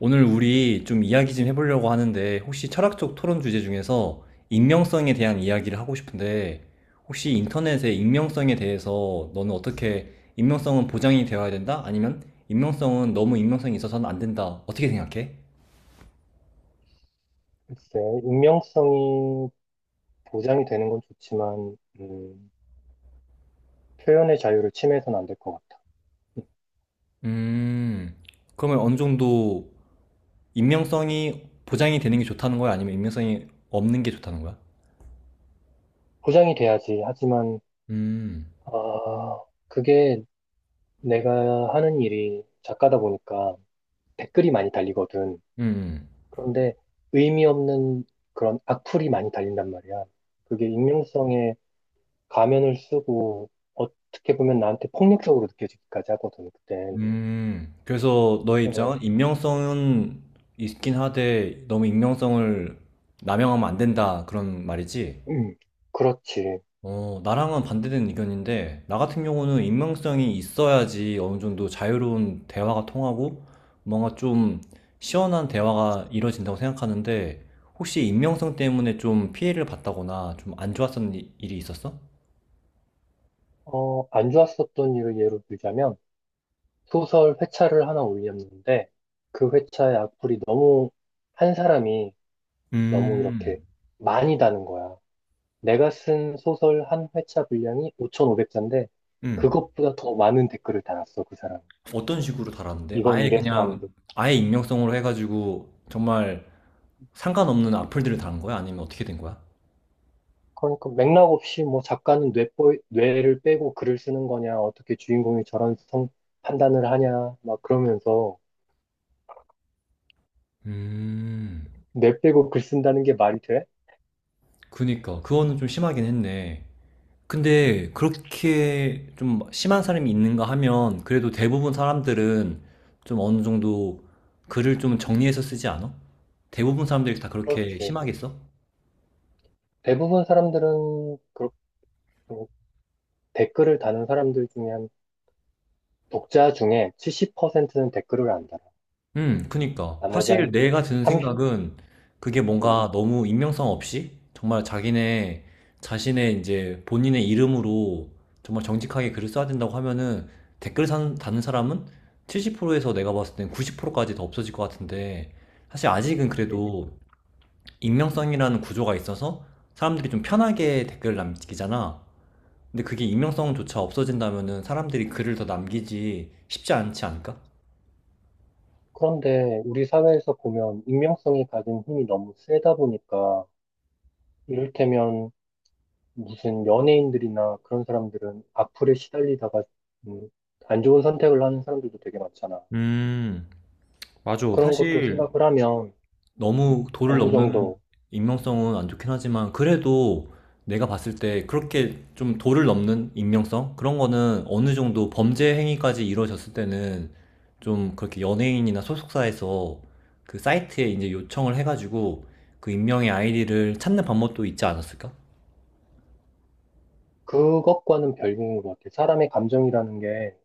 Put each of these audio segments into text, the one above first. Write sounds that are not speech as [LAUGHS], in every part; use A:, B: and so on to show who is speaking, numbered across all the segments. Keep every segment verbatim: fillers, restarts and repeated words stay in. A: 오늘 우리 좀 이야기 좀 해보려고 하는데 혹시 철학적 토론 주제 중에서 익명성에 대한 이야기를 하고 싶은데 혹시 인터넷의 익명성에 대해서 너는 어떻게 익명성은 보장이 되어야 된다? 아니면 익명성은 너무 익명성이 있어서는 안 된다. 어떻게 생각해?
B: 글쎄, 익명성이 보장이 되는 건 좋지만, 음, 표현의 자유를 침해해서는 안 될 것 같아. 음,
A: 음, 그러면 어느 정도 익명성이 보장이 되는 게 좋다는 거야? 아니면 익명성이 없는 게 좋다는 거야?
B: 보장이 돼야지. 하지만,
A: 음,
B: 아, 그게 내가 하는 일이 작가다 보니까 댓글이 많이 달리거든.
A: 음, 음.
B: 그런데 의미 없는 그런 악플이 많이 달린단 말이야. 그게 익명성에 가면을 쓰고 어떻게 보면 나한테 폭력적으로 느껴지기까지 하거든, 그땐.
A: 음, 그래서 너의
B: 어,
A: 입장은 익명성은 있긴 하되 너무 익명성을 남용하면 안 된다 그런 말이지?
B: 음, 그렇지.
A: 어, 나랑은 반대되는 의견인데 나 같은 경우는 익명성이 있어야지 어느 정도 자유로운 대화가 통하고 뭔가 좀 시원한 대화가 이루어진다고 생각하는데 혹시 익명성 때문에 좀 피해를 봤다거나 좀 안 좋았던 일이 있었어?
B: 어, 안 좋았었던 일을 예로 들자면, 소설 회차를 하나 올렸는데 그 회차의 악플이 너무 한 사람이 너무
A: 음,
B: 이렇게 많이 다는 거야. 내가 쓴 소설 한 회차 분량이 오천오백 자인데
A: 음.
B: 그것보다 더 많은 댓글을 달았어, 그 사람.
A: 어떤 식으로 달았는데?
B: 이건 이
A: 아예
B: 이래서 안
A: 그냥
B: 돼.
A: 아예 익명성으로 해가지고 정말 상관없는 악플들을 달은 거야? 아니면 어떻게 된 거야?
B: 그러니까 맥락 없이 뭐 작가는 뇌뽀, 뇌를 빼고 글을 쓰는 거냐, 어떻게 주인공이 저런 성 판단을 하냐, 막 그러면서
A: 음,
B: 뇌 빼고 글 쓴다는 게 말이 돼?
A: 그니까 그거는 좀 심하긴 했네.
B: 음,
A: 근데 그렇게 좀 심한 사람이 있는가 하면 그래도 대부분 사람들은 좀 어느 정도 글을 좀 정리해서 쓰지 않아? 대부분 사람들이 다 그렇게
B: 그렇지.
A: 심하게 써?
B: 대부분 사람들은 그렇고 댓글을 다는 사람들 중에 한 독자 중에 칠십 퍼센트는 댓글을 안 달아.
A: 음, 그니까.
B: 나머지
A: 사실
B: 한
A: 내가 드는
B: 삼십,
A: 생각은 그게
B: 음,
A: 뭔가 너무 익명성 없이 정말 자기네 자신의 이제 본인의 이름으로 정말 정직하게 글을 써야 된다고 하면은 댓글 산, 다는 사람은 칠십 퍼센트에서 내가 봤을 땐 구십 프로까지 더 없어질 것 같은데 사실 아직은
B: 음.
A: 그래도 익명성이라는 구조가 있어서 사람들이 좀 편하게 댓글을 남기잖아. 근데 그게 익명성조차 없어진다면은 사람들이 글을 더 남기지 쉽지 않지 않을까?
B: 그런데 우리 사회에서 보면 익명성이 가진 힘이 너무 세다 보니까 이를테면 무슨 연예인들이나 그런 사람들은 악플에 시달리다가 음, 안 좋은 선택을 하는 사람들도 되게 많잖아.
A: 음, 맞아.
B: 그런 것도
A: 사실
B: 생각을 하면
A: 너무
B: 음,
A: 도를
B: 어느
A: 넘는 음,
B: 정도
A: 익명성은 안 좋긴 하지만 그래도 내가 봤을 때 그렇게 좀 도를 넘는 익명성? 그런 거는 어느 정도 범죄 행위까지 이루어졌을 때는 좀 그렇게 연예인이나 소속사에서 그 사이트에 이제 요청을 해가지고 그 익명의 아이디를 찾는 방법도 있지 않았을까?
B: 그것과는 별개인 것 같아. 사람의 감정이라는 게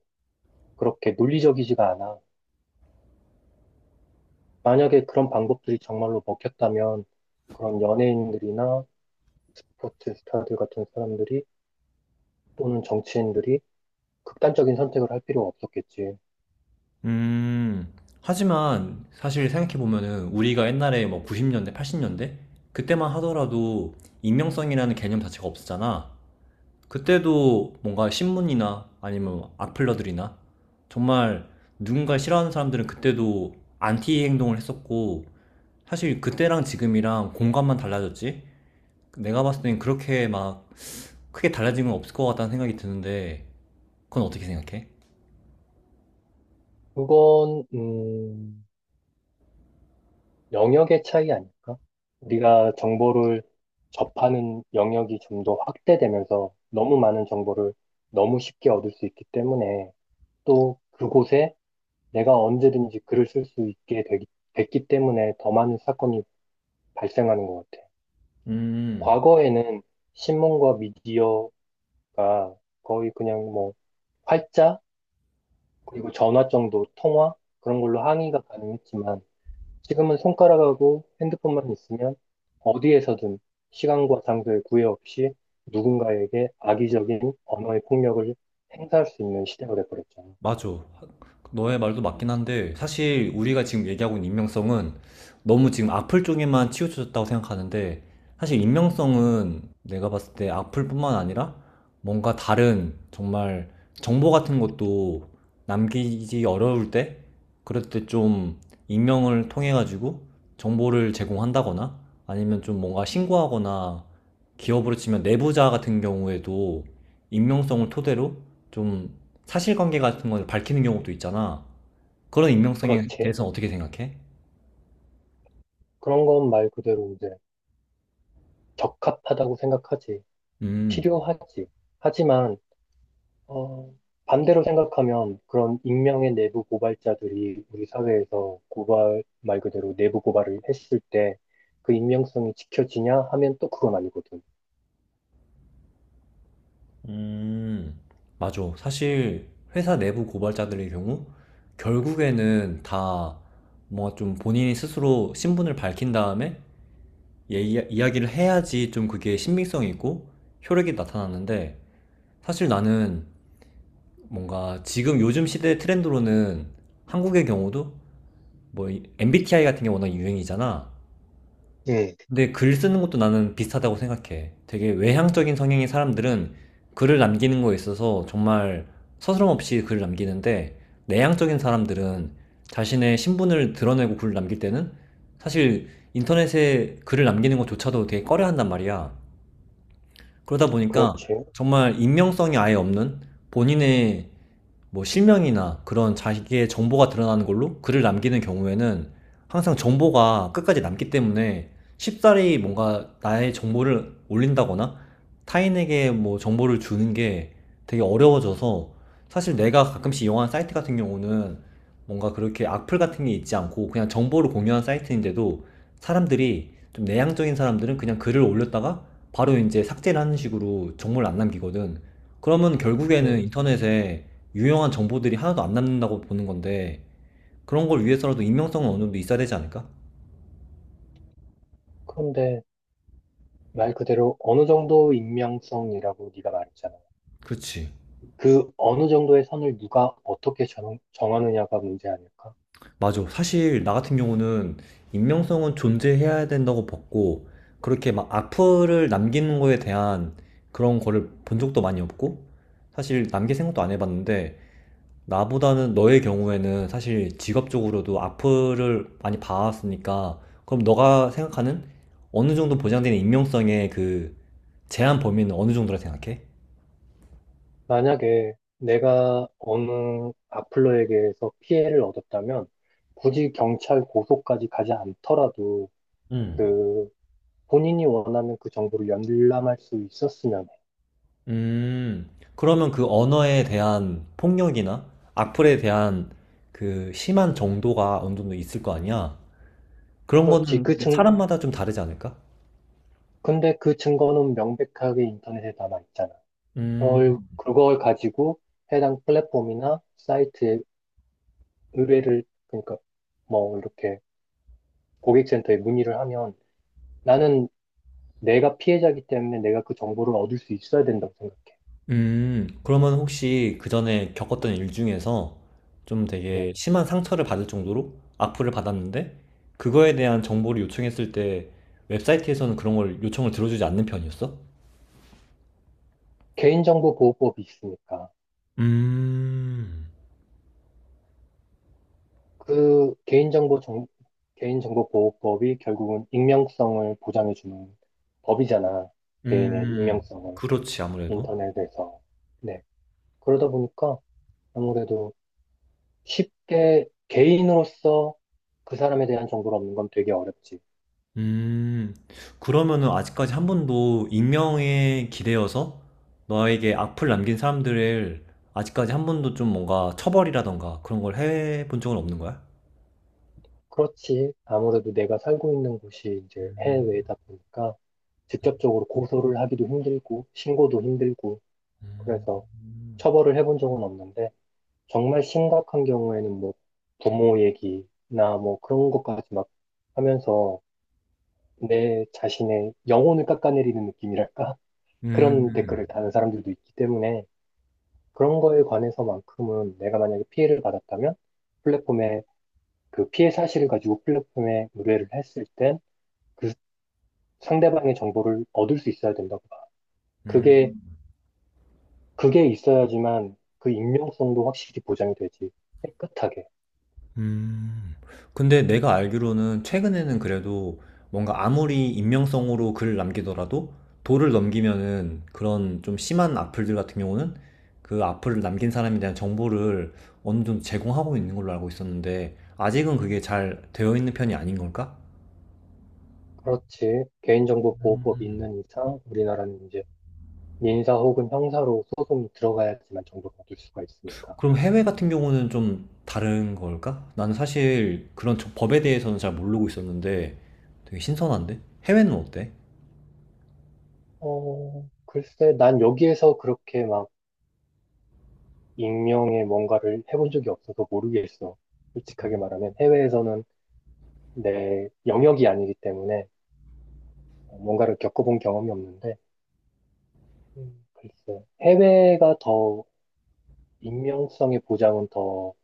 B: 그렇게 논리적이지가 않아. 만약에 그런 방법들이 정말로 먹혔다면 그런 연예인들이나 스포츠 스타들 같은 사람들이 또는 정치인들이 극단적인 선택을 할 필요가 없었겠지.
A: 음, 하지만 사실 생각해보면은 우리가 옛날에 뭐 구십 년대, 팔십 년대? 그때만 하더라도 익명성이라는 개념 자체가 없었잖아. 그때도 뭔가 신문이나 아니면 악플러들이나 정말 누군가 싫어하는 사람들은 그때도 안티 행동을 했었고 사실 그때랑 지금이랑 공간만 달라졌지 내가 봤을 땐 그렇게 막 크게 달라진 건 없을 것 같다는 생각이 드는데 그건 어떻게 생각해?
B: 그건, 음, 영역의 차이 아닐까? 우리가 정보를 접하는 영역이 좀 더 확대되면서 너무 많은 정보를 너무 쉽게 얻을 수 있기 때문에 또 그곳에 내가 언제든지 글을 쓸 수 있게 되기- 됐기 때문에 더 많은 사건이 발생하는 것 같아.
A: 음,
B: 과거에는 신문과 미디어가 거의 그냥 뭐 활자, 그리고 전화 정도 통화 그런 걸로 항의가 가능했지만 지금은 손가락하고 핸드폰만 있으면 어디에서든 시간과 장소의 구애 없이 누군가에게 악의적인 언어의 폭력을 행사할 수 있는 시대가 돼버렸잖아.
A: 맞아. 너의 말도 맞긴 한데 사실 우리가 지금 얘기하고 있는 익명성은 너무 지금 악플 쪽에만 치우쳐졌다고 생각하는데 사실
B: 음.
A: 익명성은 내가 봤을 때 악플뿐만 아니라 뭔가 다른 정말 정보 같은 것도 남기기 어려울 때 그럴 때 좀 익명을 통해 가지고 정보를 제공한다거나 아니면 좀 뭔가 신고하거나 기업으로 치면 내부자 같은 경우에도 익명성을 토대로 좀 사실관계 같은 걸 밝히는 경우도 있잖아. 그런 익명성에
B: 그렇지.
A: 대해서 어떻게 생각해?
B: 그런 건 말 그대로 이제 적합하다고 생각하지.
A: 음,
B: 필요하지. 하지만 어, 반대로 생각하면 그런 익명의 내부 고발자들이 우리 사회에서 고발, 말 그대로 내부 고발을 했을 때 그 익명성이 지켜지냐 하면 또 그건 아니거든.
A: 음, 맞아. 사실 회사 내부 고발자들의 경우 결국에는 다 뭔가 좀 본인이 스스로 신분을 밝힌 다음에 얘기- 이야기를 해야지 좀 그게 신빙성이 있고 효력이 나타나는데 사실 나는 뭔가 지금 요즘 시대 트렌드로는 한국의 경우도 뭐 엠비티아이 같은 게 워낙 유행이잖아.
B: 음,
A: 근데 글 쓰는 것도 나는 비슷하다고 생각해. 되게 외향적인 성향의 사람들은 글을 남기는 거에 있어서 정말 서스럼 없이 글을 남기는데 내향적인 사람들은 자신의 신분을 드러내고 글을 남길 때는 사실 인터넷에 글을 남기는 것조차도 되게 꺼려한단 말이야. 그러다 보니까
B: 그렇지.
A: 정말 익명성이 아예 없는 본인의 뭐 실명이나 그런 자기의 정보가 드러나는 걸로 글을 남기는 경우에는 항상 정보가 끝까지 남기 때문에 쉽사리 뭔가 나의 정보를 올린다거나 타인에게 뭐 정보를 주는 게 되게 어려워져서 사실 내가 가끔씩 이용하는 사이트 같은 경우는 뭔가 그렇게 악플 같은 게 있지 않고 그냥 정보를 공유하는 사이트인데도 사람들이 좀 내향적인 사람들은 그냥 글을 올렸다가 바로 이제 삭제를 하는 식으로 정보를 안 남기거든. 그러면 결국에는
B: 음,
A: 인터넷에 유용한 정보들이 하나도 안 남는다고 보는 건데 그런 걸 위해서라도 익명성은 어느 정도 있어야 되지 않을까?
B: 그런데 말 그대로 어느 정도 익명성이라고 네가 말했잖아.
A: 그렇지.
B: 그 어느 정도의 선을 누가 어떻게 정, 정하느냐가 문제 아닐까?
A: 맞아. 사실 나 같은 경우는 익명성은 존재해야 된다고 봤고 그렇게 막 악플을 남기는 거에 대한 그런 거를 본 적도 많이 없고 사실 남길 생각도 안 해봤는데 나보다는 너의 경우에는 사실 직업적으로도 악플을 많이 봐왔으니까 그럼 너가 생각하는 어느 정도 보장되는 익명성의 그 제한 범위는 어느 정도라 생각해?
B: 만약에 내가 어느 악플러에게서 피해를 얻었다면 굳이 경찰 고소까지 가지 않더라도
A: 음.
B: 그 본인이 원하는 그 정보를 열람할 수 있었으면 해.
A: 음, 그러면 그 언어에 대한 폭력이나 악플에 대한 그 심한 정도가 어느 정도 있을 거 아니야? 그런
B: 그렇지.
A: 거는
B: 그 증,
A: 사람마다 좀 다르지 않을까?
B: 근데 그 증거는 명백하게 인터넷에 남아있잖아. 그걸,
A: 음,
B: 그걸 가지고 해당 플랫폼이나 사이트에 의뢰를, 그러니까 뭐 이렇게 고객센터에 문의를 하면 나는 내가 피해자이기 때문에 내가 그 정보를 얻을 수 있어야 된다고 생각해.
A: 음, 그러면 혹시 그 전에 겪었던 일 중에서 좀 되게
B: 예.
A: 심한 상처를 받을 정도로 악플을 받았는데 그거에 대한 정보를 요청했을 때 웹사이트에서는 그런 걸 요청을 들어주지 않는 편이었어?
B: 개인정보보호법이 있으니까
A: 음,
B: 그 개인정보 정, 개인정보보호법이 결국은 익명성을 보장해주는 법이잖아. 개인의
A: 음,
B: 익명성을
A: 그렇지, 아무래도.
B: 인터넷에서. 네. 그러다 보니까 아무래도 쉽게 개인으로서 그 사람에 대한 정보를 얻는 건 되게 어렵지.
A: 음, 그러면은 아직까지 한 번도 익명에 기대어서 너에게 악플 남긴 사람들을 아직까지 한 번도 좀 뭔가 처벌이라던가 그런 걸 해본 적은 없는 거야?
B: 그렇지. 아무래도 내가 살고 있는 곳이 이제
A: 음,
B: 해외다 보니까 직접적으로 고소를 하기도 힘들고 신고도 힘들고 그래서 처벌을 해본 적은 없는데 정말 심각한 경우에는 뭐 부모 얘기나 뭐 그런 것까지 막 하면서 내 자신의 영혼을 깎아내리는 느낌이랄까? [LAUGHS] 그런
A: 음,
B: 댓글을 다는 사람들도 있기 때문에 그런 거에 관해서만큼은 내가 만약에 피해를 받았다면 플랫폼에 그 피해 사실을 가지고 플랫폼에 의뢰를 했을 땐 그 상대방의 정보를 얻을 수 있어야 된다고 봐. 그게,
A: 음.
B: 그게 있어야지만 그 익명성도 확실히 보장이 되지. 깨끗하게.
A: 음. 근데 내가 알기로는 최근에는 그래도 뭔가 아무리 익명성으로 글을 남기더라도 도를 넘기면은 그런 좀 심한 악플들 같은 경우는 그 악플을 남긴 사람에 대한 정보를 어느 정도 제공하고 있는 걸로 알고 있었는데 아직은 그게 잘 되어 있는 편이 아닌 걸까?
B: 그렇지. 개인정보 보호법이 있는 이상 우리나라는 이제 민사 혹은 형사로 소송이 들어가야지만 정보를 얻을 수가 있으니까.
A: 그럼 해외 같은 경우는 좀 다른 걸까? 나는 사실 그런 저- 법에 대해서는 잘 모르고 있었는데 되게 신선한데? 해외는 어때?
B: 어, 글쎄, 난 여기에서 그렇게 막 익명의 뭔가를 해본 적이 없어서 모르겠어. 솔직하게 말하면 해외에서는 내 영역이 아니기 때문에 뭔가를 겪어본 경험이 없는데, 음, 글쎄, 해외가 더 익명성의 보장은 더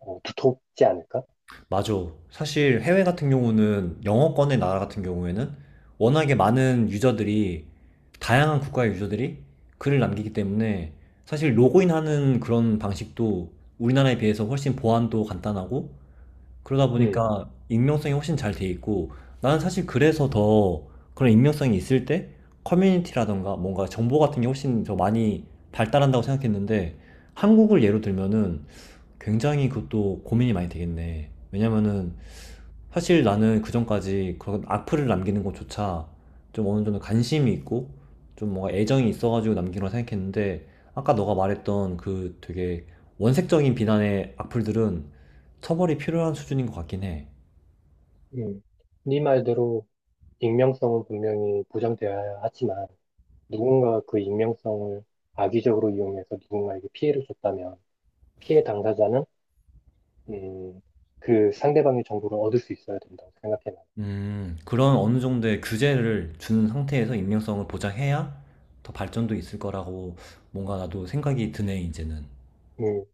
B: 어, 두텁지 않을까?
A: 맞아. 사실 해외 같은 경우는 영어권의 나라 같은 경우에는 워낙에 많은 유저들이 다양한 국가의 유저들이 글을 남기기 때문에 사실 로그인하는 그런 방식도 우리나라에 비해서 훨씬 보안도 간단하고 그러다
B: 음,
A: 보니까 익명성이 훨씬 잘 돼 있고 나는 사실 그래서 더 그런 익명성이 있을 때 커뮤니티라던가 뭔가 정보 같은 게 훨씬 더 많이 발달한다고 생각했는데 한국을 예로 들면은 굉장히 그것도 고민이 많이 되겠네. 왜냐면은 사실 나는 그전까지 그런 악플을 남기는 것조차 좀 어느 정도 관심이 있고 좀 뭔가 애정이 있어가지고 남기는고 생각했는데 아까 너가 말했던 그 되게 원색적인 비난의 악플들은 처벌이 필요한 수준인 것 같긴 해.
B: 음. 네 말대로 익명성은 분명히 보장되어야 하지만 누군가 그 익명성을 악의적으로 이용해서 누군가에게 피해를 줬다면 피해 당사자는 음, 그 상대방의 정보를 얻을 수 있어야 된다고 생각해 나요.
A: 음, 그런 어느 정도의 규제를 주는 상태에서 익명성을 보장해야 더 발전도 있을 거라고 뭔가 나도 생각이 드네, 이제는.
B: 음,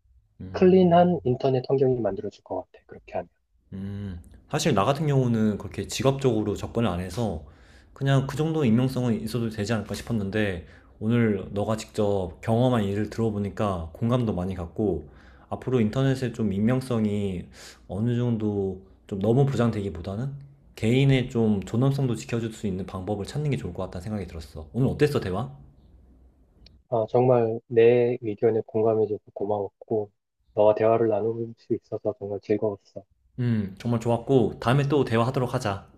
A: 음.
B: 클린한 인터넷 환경이 만들어질 것 같아. 그렇게 하면.
A: 음. 사실 나 같은 경우는 그렇게 직업적으로 접근을 안 해서 그냥 그 정도 익명성은 있어도 되지 않을까 싶었는데 오늘 너가 직접 경험한 일을 들어보니까 공감도 많이 갔고 앞으로 인터넷에 좀 익명성이 어느 정도 좀 너무 보장되기보다는 개인의 좀 존엄성도 지켜줄 수 있는 방법을 찾는 게 좋을 것 같다는 생각이 들었어. 오늘 어땠어, 대화?
B: 아, 정말 내 의견에 공감해줘서 고마웠고 너와 대화를 나눌 수 있어서 정말 즐거웠어.
A: 음, 정말 좋았고 다음에 또 대화하도록 하자.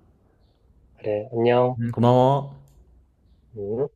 B: 그래, 안녕.
A: 음, 고마워.
B: 음.